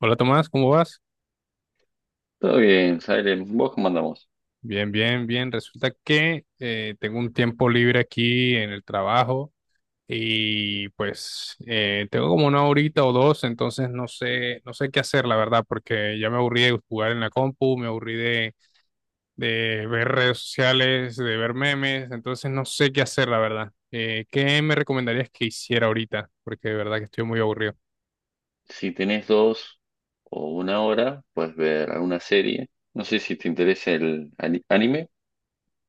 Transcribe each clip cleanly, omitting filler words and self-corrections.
Hola Tomás, ¿cómo vas? Todo bien, Salem. ¿Vos cómo andamos? Bien, bien, bien. Resulta que tengo un tiempo libre aquí en el trabajo y pues tengo como una horita o dos. Entonces no sé, no sé qué hacer, la verdad, porque ya me aburrí de jugar en la compu, me aburrí de ver redes sociales, de ver memes. Entonces no sé qué hacer, la verdad. ¿Qué me recomendarías que hiciera ahorita? Porque de verdad que estoy muy aburrido. Si tenés 2 o 1 hora, puedes ver alguna serie. No sé si te interesa el anime.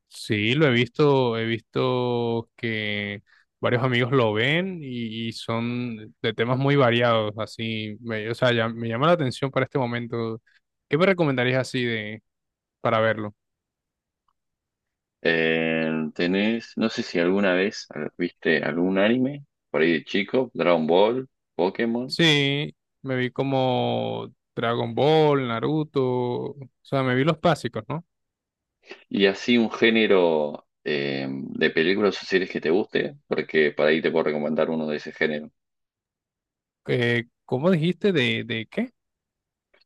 Sí, lo he visto que varios amigos lo ven y son de temas muy variados, así, o sea, ya, me llama la atención para este momento. ¿Qué me recomendarías así de para verlo? Tenés, no sé si alguna vez viste algún anime por ahí de chico, Dragon Ball, Pokémon, Sí, me vi como Dragon Ball, Naruto, o sea, me vi los básicos, ¿no? y así un género de películas o series que te guste, porque por ahí te puedo recomendar uno de ese género. ¿Cómo dijiste de qué?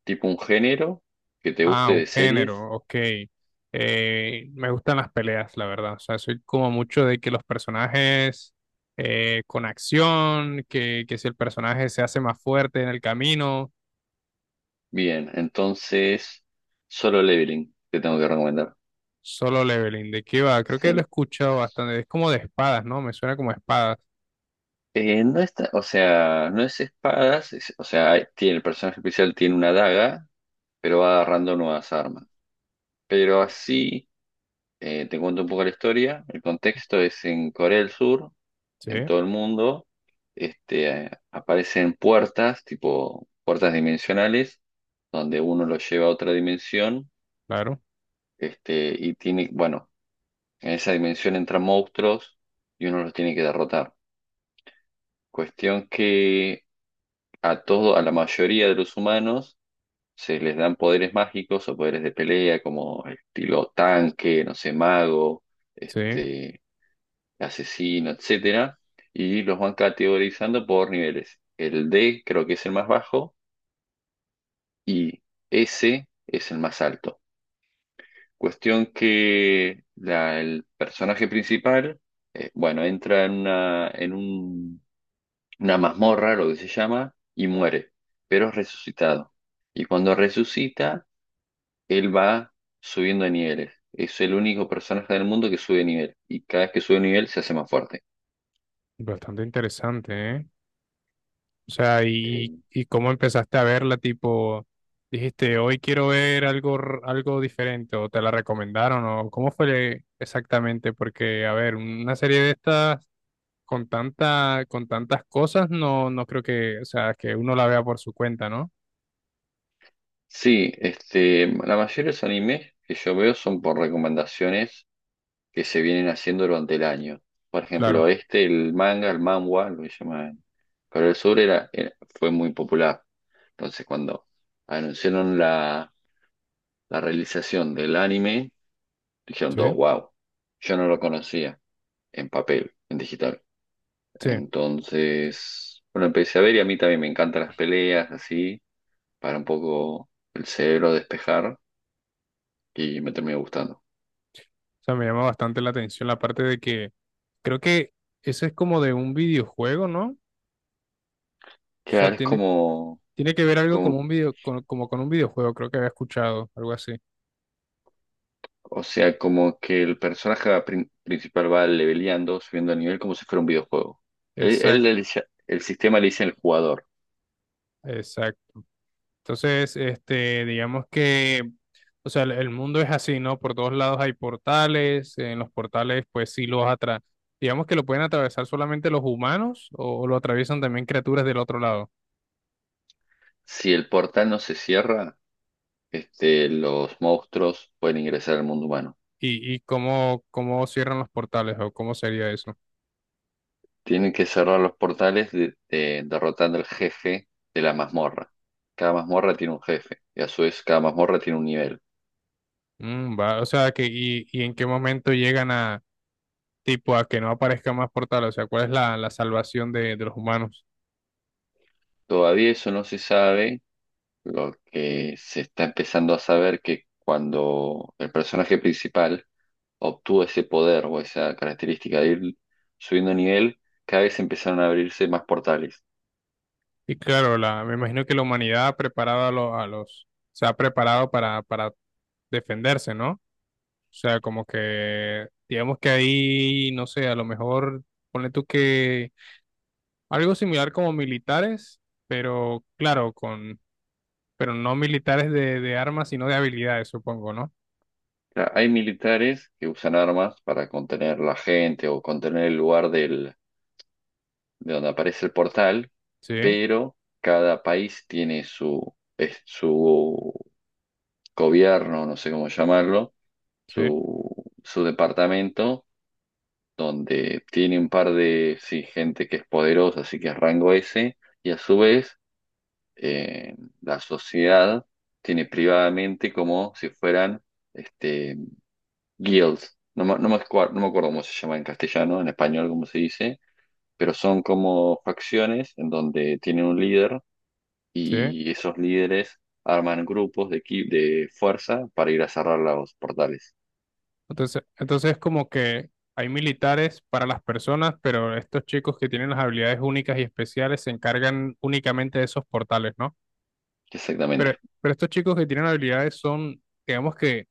Tipo un género que te Ah, guste un de series. género, ok. Me gustan las peleas, la verdad. O sea, soy como mucho de que los personajes con acción, que si el personaje se hace más fuerte en el camino, Bien, entonces, Solo Leveling te tengo que recomendar. solo leveling. ¿De qué va? Creo que lo he Sí. escuchado bastante. Es como de espadas, ¿no? Me suena como espadas. No está, o sea, no es espadas, o sea, el personaje especial tiene una daga, pero va agarrando nuevas armas. Pero así, te cuento un poco la historia. El contexto es en Corea del Sur, Sí, en todo el mundo. Aparecen puertas, tipo puertas dimensionales, donde uno lo lleva a otra dimensión. claro. Y tiene, bueno, en esa dimensión entran monstruos y uno los tiene que derrotar. Cuestión que a la mayoría de los humanos se les dan poderes mágicos o poderes de pelea, como estilo tanque, no sé, mago, Sí, este, asesino, etcétera, y los van categorizando por niveles. El D creo que es el más bajo y S es el más alto. Cuestión que el personaje principal, bueno, entra en una mazmorra, lo que se llama, y muere, pero es resucitado. Y cuando resucita, él va subiendo de niveles. Es el único personaje del mundo que sube de nivel. Y cada vez que sube de nivel se hace más fuerte. bastante interesante, ¿eh? O sea, Eh, y cómo empezaste a verla, tipo, dijiste, hoy quiero ver algo, algo diferente, o te la recomendaron, o cómo fue exactamente, porque, a ver, una serie de estas con tanta, con tantas cosas, no, no creo que, o sea, que uno la vea por su cuenta, ¿no? sí, la mayoría de los animes que yo veo son por recomendaciones que se vienen haciendo durante el año. Por ejemplo, Claro, el manga, el manhwa, lo que llaman Corea del Sur, fue muy popular. Entonces, cuando anunciaron la realización del anime, dijeron todos, sí, wow, yo no lo conocía en papel, en digital. sí. O Entonces, bueno, empecé a ver y a mí también me encantan las peleas, así, para un poco el cerebro despejar y me terminó gustando. sea, me llama bastante la atención la parte de que creo que eso es como de un videojuego, ¿no? O sea, Claro, es tiene, como, tiene que ver algo como como, un video, como con un videojuego, creo que había escuchado, algo así. o sea, como que el personaje principal va leveleando, subiendo el nivel como si fuera un videojuego. Él Exacto, el sistema le dice al jugador, exacto. Entonces, este, digamos que, o sea, el mundo es así, ¿no? Por todos lados hay portales, en los portales, pues sí digamos que lo pueden atravesar solamente los humanos o lo atraviesan también criaturas del otro lado. si el portal no se cierra, los monstruos pueden ingresar al mundo humano. ¿ y cómo, cómo cierran los portales o cómo sería eso? Tienen que cerrar los portales derrotando al jefe de la mazmorra. Cada mazmorra tiene un jefe y a su vez cada mazmorra tiene un nivel. Mm, va, o sea, que, y en qué momento llegan a, tipo, a que no aparezcan más portales, o sea, ¿cuál es la, la salvación de los humanos? Todavía eso no se sabe. Lo que se está empezando a saber que cuando el personaje principal obtuvo ese poder o esa característica de ir subiendo nivel, cada vez empezaron a abrirse más portales. Y claro, la, me imagino que la humanidad ha preparado a, a los, se ha preparado para defenderse, ¿no? O sea, como que, digamos que ahí, no sé, a lo mejor, ponle tú que algo similar como militares, pero claro, con, pero no militares de armas, sino de habilidades, supongo, ¿no? O sea, hay militares que usan armas para contener la gente o contener el lugar del de donde aparece el portal, Sí, pero cada país tiene su gobierno, no sé cómo llamarlo, sí, su departamento, donde tiene un par de, sí, gente que es poderosa, así que es rango S, y a su vez eh, la sociedad tiene privadamente como si fueran este, guilds. No me acuerdo cómo se llama en castellano, en español, cómo se dice, pero son como facciones en donde tienen un líder sí. y esos líderes arman grupos de fuerza para ir a cerrar los portales. Entonces, entonces como que hay militares para las personas, pero estos chicos que tienen las habilidades únicas y especiales se encargan únicamente de esos portales, ¿no? Pero, Exactamente. pero estos chicos que tienen habilidades son, digamos que,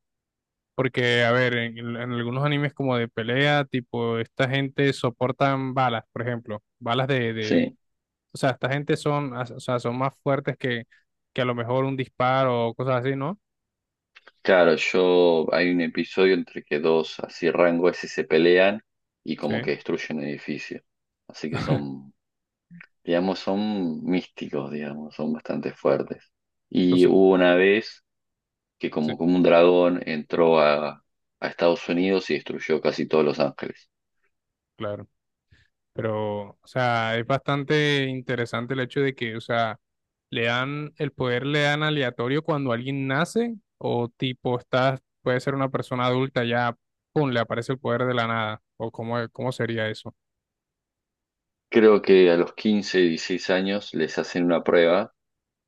porque, a ver, en algunos animes como de pelea, tipo, esta gente soportan balas, por ejemplo, balas de, Sí. o sea, esta gente son, o sea, son más fuertes que a lo mejor un disparo o cosas así, ¿no? Claro, yo hay un episodio entre que dos así rangos ese se pelean y como Sí, que destruyen un edificio. Así que son, digamos, son místicos, digamos, son bastante fuertes. Y entonces, hubo una vez que sí, como un dragón entró a Estados Unidos y destruyó casi todos Los Ángeles. claro. Pero, o sea, es bastante interesante el hecho de que, o sea, le dan, el poder le dan aleatorio cuando alguien nace, o tipo, estás, puede ser una persona adulta ya, pum, le aparece el poder de la nada, o cómo, cómo sería eso, Creo que a los 15, 16 años les hacen una prueba,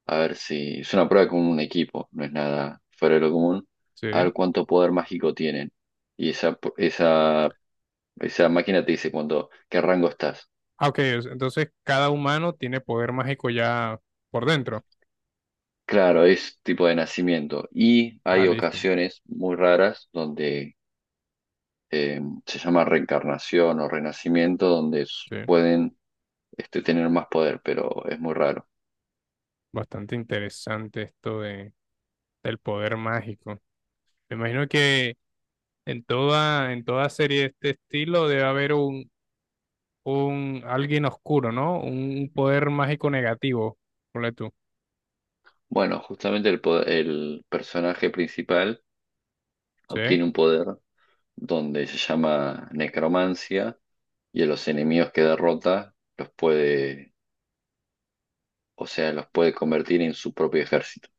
a ver si es una prueba con un equipo, no es nada fuera de lo común, ¿sí? a ver cuánto poder mágico tienen. Y esa máquina te dice cuánto, qué rango estás. Ah, ok, entonces cada humano tiene poder mágico ya por dentro. Claro, es tipo de nacimiento. Y Ah, hay listo, ocasiones muy raras donde eh, se llama reencarnación o renacimiento, donde sí. pueden tener más poder, pero es muy raro. Bastante interesante esto de, del poder mágico. Me imagino que en toda serie de este estilo debe haber un alguien oscuro, ¿no? Un poder mágico negativo, ponle tú, Bueno, justamente el personaje principal ¿sí? obtiene un poder donde se llama necromancia y a los enemigos que derrota los puede, o sea, los puede convertir en su propio ejército.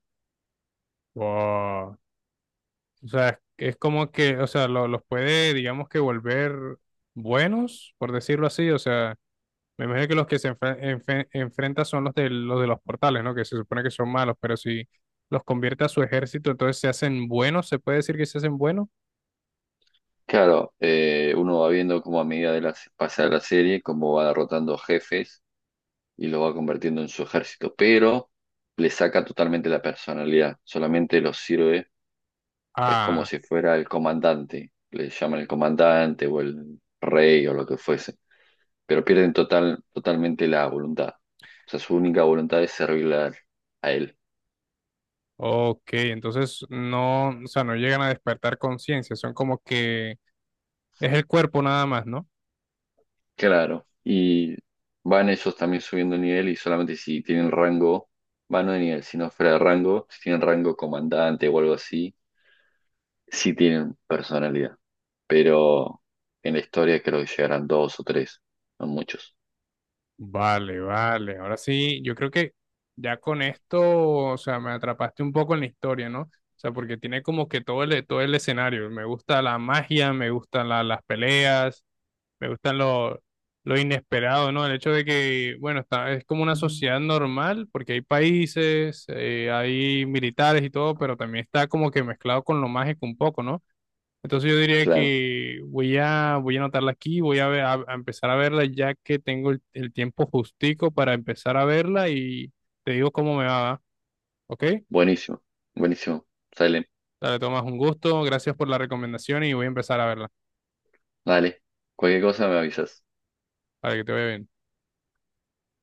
Wow. O sea, es como que, o sea, los puede, digamos que volver buenos, por decirlo así, o sea, me imagino que los que enfrenta son los de los portales, ¿no? Que se supone que son malos, pero si los convierte a su ejército, entonces se hacen buenos, ¿se puede decir que se hacen buenos? Claro, uno va viendo cómo a medida pasa la serie, cómo va derrotando jefes y los va convirtiendo en su ejército, pero le saca totalmente la personalidad, solamente los sirve, es como Ah, si fuera el comandante, le llaman el comandante o el rey o lo que fuese, pero pierden totalmente la voluntad. O sea, su única voluntad es servirle a él. ok, entonces no, o sea, no llegan a despertar conciencia, son como que es el cuerpo nada más, ¿no? Claro. Y van ellos también subiendo nivel y solamente si tienen rango, van no de nivel, sino fuera de rango, si tienen rango comandante o algo así, sí tienen personalidad. Pero en la historia creo que llegarán dos o tres, no muchos. Vale, vale. Ahora sí, yo creo que ya con esto, o sea, me atrapaste un poco en la historia, ¿no? O sea, porque tiene como que todo el escenario. Me gusta la magia, me gustan las peleas, me gustan lo inesperado, ¿no? El hecho de que, bueno, está, es como una Ujú. sociedad normal, porque hay países, hay militares y todo, pero también está como que mezclado con lo mágico un poco, ¿no? Entonces yo diría Claro. que voy a, voy a anotarla aquí, voy a, a empezar a verla ya que tengo el tiempo justico para empezar a verla y te digo cómo me va, ¿va? ¿Ok? Buenísimo, buenísimo. Sale, Dale, Tomás, un gusto, gracias por la recomendación y voy a empezar a verla dale. Cualquier cosa me avisas. para que te vaya bien.